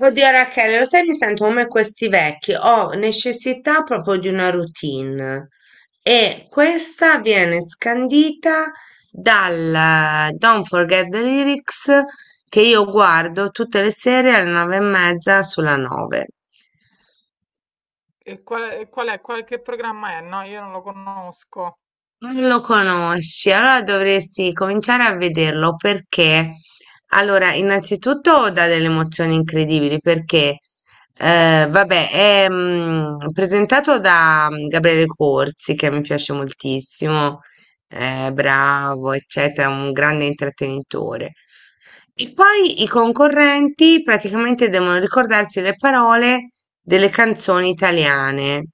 Oddio Rachele, lo sai, mi sento come questi vecchi, ho necessità proprio di una routine e questa viene scandita dal Don't Forget the Lyrics che io guardo tutte le sere alle 21:30 sulla 9. E qual è, che programma è? No, io non lo conosco. Non lo conosci, allora dovresti cominciare a vederlo perché, allora, innanzitutto dà delle emozioni incredibili perché, vabbè, è presentato da Gabriele Corsi, che mi piace moltissimo, è bravo, eccetera, un grande intrattenitore. E poi i concorrenti praticamente devono ricordarsi le parole delle canzoni italiane.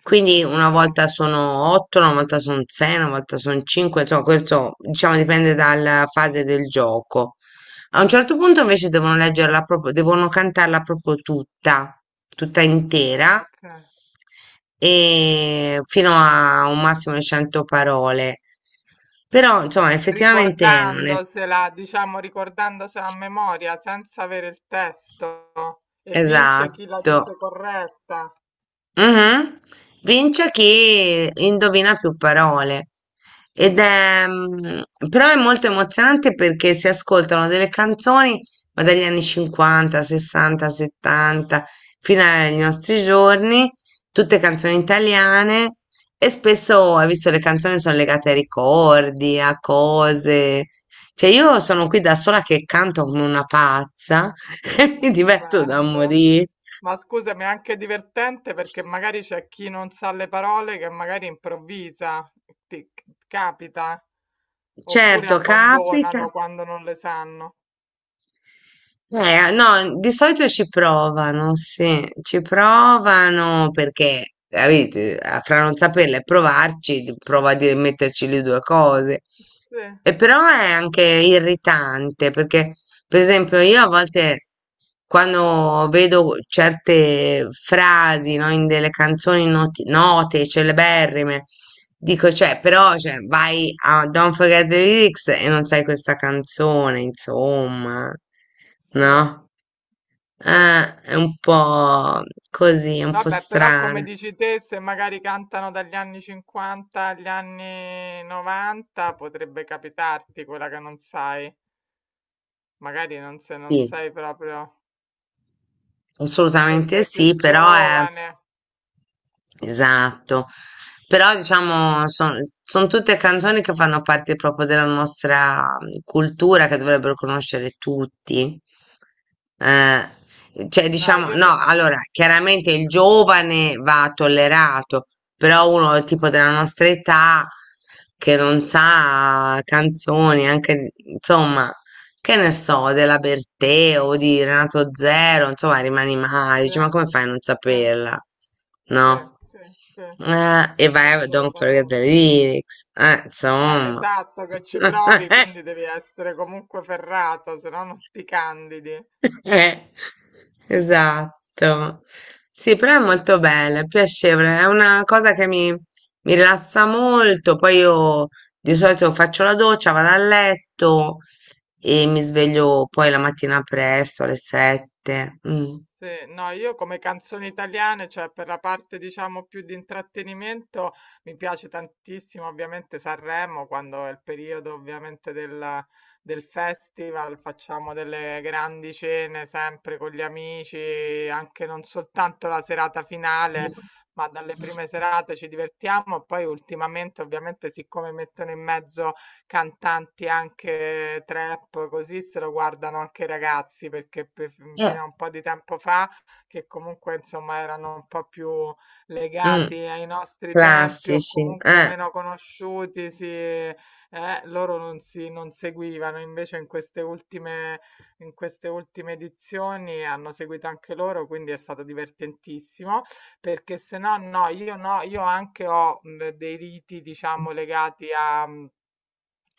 Quindi una Fighissimo. volta sono otto, una volta sono sei, una volta sono cinque, insomma, questo diciamo dipende dalla fase del gioco. A un certo punto invece devono leggerla proprio, devono cantarla proprio tutta, tutta intera, Ok. e fino a un massimo di 100 parole. Però, insomma, effettivamente non è. Ricordandosela, diciamo, ricordandosela a memoria, senza avere il testo. E vince chi la Esatto. dice corretta. Mhm. Vince chi indovina più parole. Ed è, però è molto emozionante perché si ascoltano delle canzoni, ma dagli anni 50, 60, 70, fino ai nostri giorni, tutte canzoni italiane e spesso, hai visto, le canzoni sono legate ai ricordi, a cose. Cioè io sono qui da sola che canto come una pazza e Ma mi diverto da stupendo. morire. Ma scusami, è anche divertente perché magari c'è chi non sa le parole che magari improvvisa, ti capita, oppure Certo, capita. abbandonano quando non le sanno. No, di solito ci provano, sì, ci provano perché, capite, fra non saperle e provarci, metterci le due cose. Sì, E però è anche irritante perché, per esempio, io a volte quando vedo certe frasi, no, in delle canzoni note, celeberrime, dico, cioè, però, cioè, vai a Don't Forget the Lyrics e non sai questa canzone, insomma, sì, no? sì. È un po' così, è un po' Vabbè, però come strano. dici te, se magari cantano dagli anni 50 agli anni 90, potrebbe capitarti quella che non sai. Magari non se non Sì, sei proprio, se assolutamente sei sì, più però è. giovane. Esatto, però diciamo sono tutte canzoni che fanno parte proprio della nostra cultura che dovrebbero conoscere tutti. Eh, cioè No, diciamo, io no, per... allora chiaramente il giovane va tollerato, però uno tipo della nostra età che non sa canzoni, anche insomma, che ne so, della Bertè o di Renato Zero, insomma, rimani male, Sì, dici, ma come fai a non sì, saperla? sì, No? sì, sì, E vai a Don't Forget the assolutamente. Lyrics, insomma. Esatto, che ci provi, quindi devi essere comunque ferrato, se no non ti candidi. Eh, esatto. Sì, però è Sì. molto bella, è piacevole, è una cosa che mi rilassa molto. Poi io di solito faccio la doccia, vado a letto e mi sveglio poi la mattina presto, alle 7. Mm. Sì, no, io come canzoni italiane, cioè per la parte diciamo più di intrattenimento, mi piace tantissimo ovviamente Sanremo, quando è il periodo ovviamente del festival, facciamo delle grandi cene sempre con gli amici, anche non soltanto la serata finale, ma dalle prime serate ci divertiamo. Poi ultimamente ovviamente siccome mettono in mezzo cantanti anche trap, così se lo guardano anche i ragazzi, perché Eh, fino a un po' di tempo fa, che comunque insomma erano un po' più mm, legati ai nostri tempi o classici, comunque eh. meno conosciuti, si, loro non si non seguivano, invece in queste ultime edizioni hanno seguito anche loro, quindi è stato divertentissimo, perché se no, no, io no, io anche ho dei riti, diciamo, legati a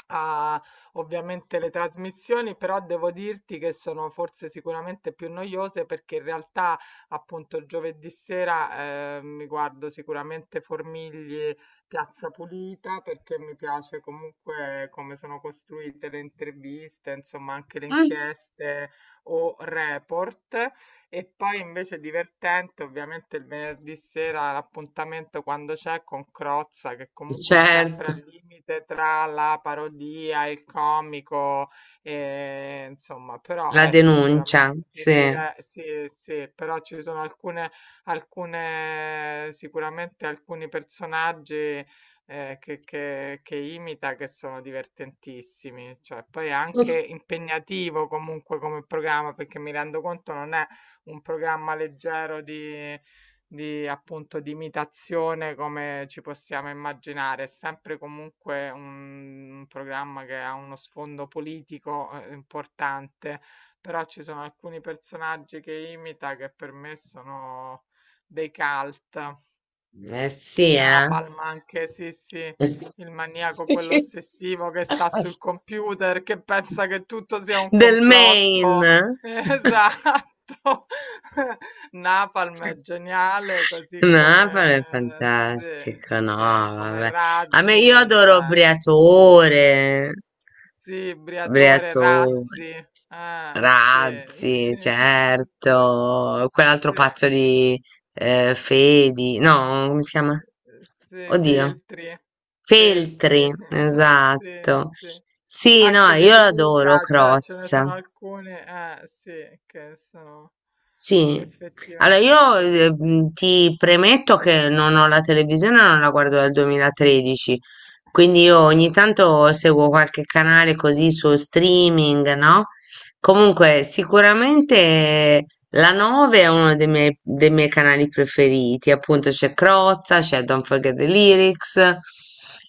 ha ovviamente le trasmissioni, però devo dirti che sono forse sicuramente più noiose perché in realtà appunto giovedì sera mi guardo sicuramente Formigli Piazza Pulita perché mi piace comunque come sono costruite le interviste, insomma anche le Mm. inchieste o report. E poi invece divertente, ovviamente il venerdì sera l'appuntamento quando c'è con Crozza, che comunque è sempre Certo, al limite tra la parodia, il comico, e, insomma, però la è sicuramente denuncia, sì. Sì, sì, però ci sono alcune, alcune sicuramente alcuni personaggi che imita che sono divertentissimi, cioè poi è anche impegnativo comunque come programma perché mi rendo conto non è un programma leggero di appunto di imitazione come ci possiamo immaginare. È sempre comunque un programma che ha uno sfondo politico importante, però ci sono alcuni personaggi che imita che per me sono dei cult. Eh sì, eh. Napalm anche, sì, sì, il maniaco, quello ossessivo che sta sul computer, che pensa che tutto sia un Del complotto. Maine. Esatto. Napalm è geniale, così Napoli è come, sì, fantastico, no, sì, come vabbè. A me io Razzi, adoro cioè, Briatore, sì, Briatore, Briatore, Razzi, ah, sì, Razzi, sì, sì, certo, quell'altro sì. pazzo di Fedi, no, come si chiama? Sì, Oddio, Feltri, Feltri, Feltri, sì, esatto. sì. Sì, no, Anche De io l'adoro, Luca, cioè ce ne Crozza. sono alcune, sì, che sono Sì, allora io effettivamente. Ti premetto che non ho la televisione, non la guardo dal 2013, quindi io ogni tanto seguo qualche canale così su streaming, no? Comunque sicuramente la 9 è uno dei miei canali preferiti, appunto c'è Crozza, c'è Don't Forget the Lyrics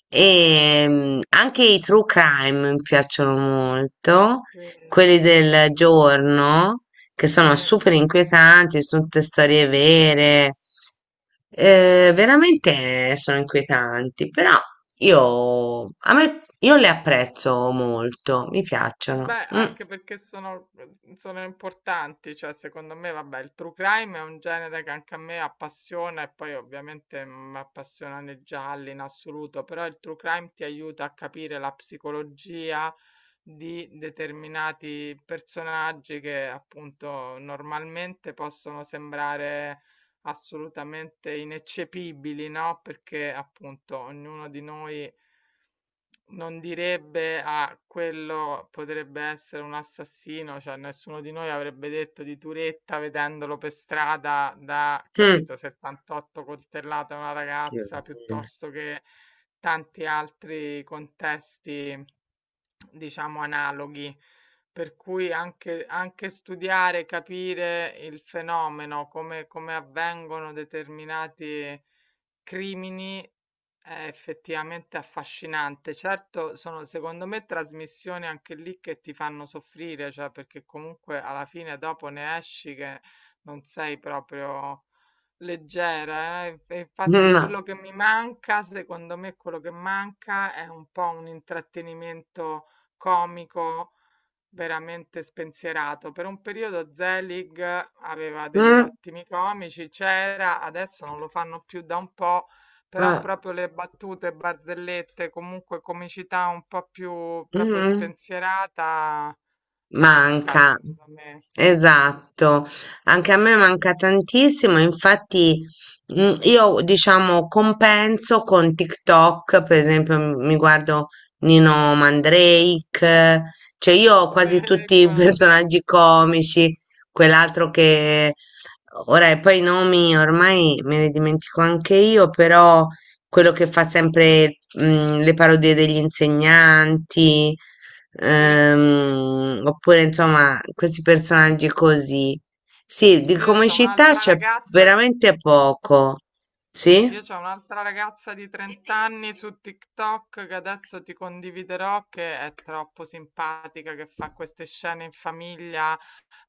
e anche i true crime mi piacciono molto, Eh, quelli del giorno che sì, sono sì. super inquietanti, sono tutte storie vere, veramente sono inquietanti, però io, a me, io le apprezzo molto, mi piacciono. Beh, Mm, anche perché sono, sono importanti, cioè secondo me, vabbè, il true crime è un genere che anche a me appassiona e poi ovviamente mi appassionano i gialli in assoluto, però il true crime ti aiuta a capire la psicologia di determinati personaggi che appunto normalmente possono sembrare assolutamente ineccepibili, no? Perché appunto ognuno di noi non direbbe a quello potrebbe essere un assassino, cioè nessuno di noi avrebbe detto di Turetta vedendolo per strada da, mm. capito, 78 coltellate a una ragazza piuttosto che tanti altri contesti, diciamo, analoghi. Per cui anche, anche studiare, capire il fenomeno, come, come avvengono determinati crimini è effettivamente affascinante. Certo, sono secondo me trasmissioni anche lì che ti fanno soffrire, cioè perché comunque alla fine dopo ne esci che non sei proprio leggera, eh. E infatti Mm, quello che mi manca, secondo me quello che manca è un po' un intrattenimento comico veramente spensierato. Per un periodo Zelig aveva degli mm, ottimi comici, c'era, adesso non lo fanno più da un po', però eh, proprio le battute, barzellette, comunque comicità un po' più proprio mm. spensierata manca, Manca, secondo me. esatto, anche a me manca tantissimo, infatti io diciamo compenso con TikTok, per esempio mi guardo Nino Mandrake, cioè io ho Sì, quasi tutti i conosco. personaggi comici, quell'altro che ora e poi i nomi ormai me li dimentico anche io, però quello che fa sempre, le parodie degli insegnanti, Sì. Oppure insomma questi personaggi così. Sì, di Io c'ho comicità un'altra c'è ragazza veramente poco. Io Sì? c'ho un'altra ragazza di 30 anni su TikTok che adesso ti condividerò, che è troppo simpatica, che fa queste scene in famiglia,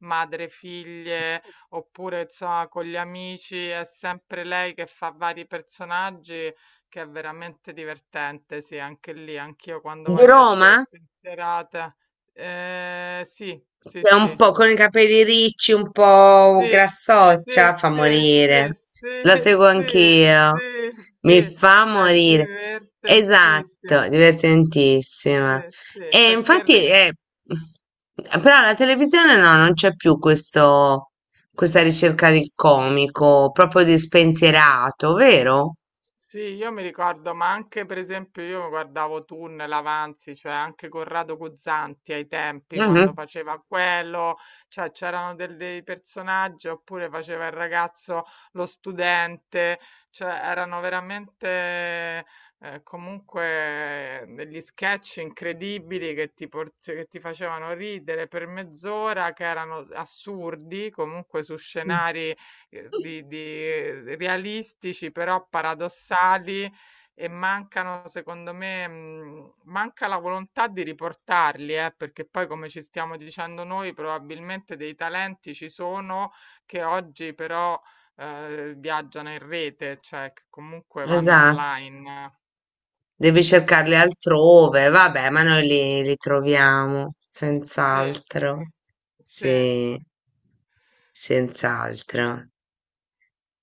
madre, figlie, oppure insomma con gli amici, è sempre lei che fa vari personaggi, che è veramente divertente, sì, anche lì, anch'io quando Di voglio essere Roma? spensierata. Sì, sì, È un sì. po' con i capelli ricci, un po' Sì, sì, grassoccia, fa sì, sì, morire. sì, La seguo sì, anch'io. sì, sì, Mi fa è morire. divertentissimo. Esatto, divertentissima. Sì, sì, E infatti, però la televisione no, non c'è più questo, questa ricerca del comico, proprio di spensierato, vero? sì, io mi ricordo, ma anche per esempio io guardavo Tunnel, Avanzi, cioè anche Corrado Guzzanti ai tempi quando Mhm. faceva quello, cioè c'erano dei personaggi oppure faceva il ragazzo, lo studente, cioè erano veramente comunque degli sketch incredibili che che ti facevano ridere per mezz'ora, che erano assurdi, comunque su scenari di realistici però paradossali e mancano, secondo me, manca la volontà di riportarli, perché poi, come ci stiamo dicendo noi, probabilmente dei talenti ci sono che oggi però viaggiano in rete, cioè che comunque vanno Esatto. online. Devi cercarli altrove, vabbè, ma noi li troviamo, Sì, senz'altro. sì. Sì, senz'altro.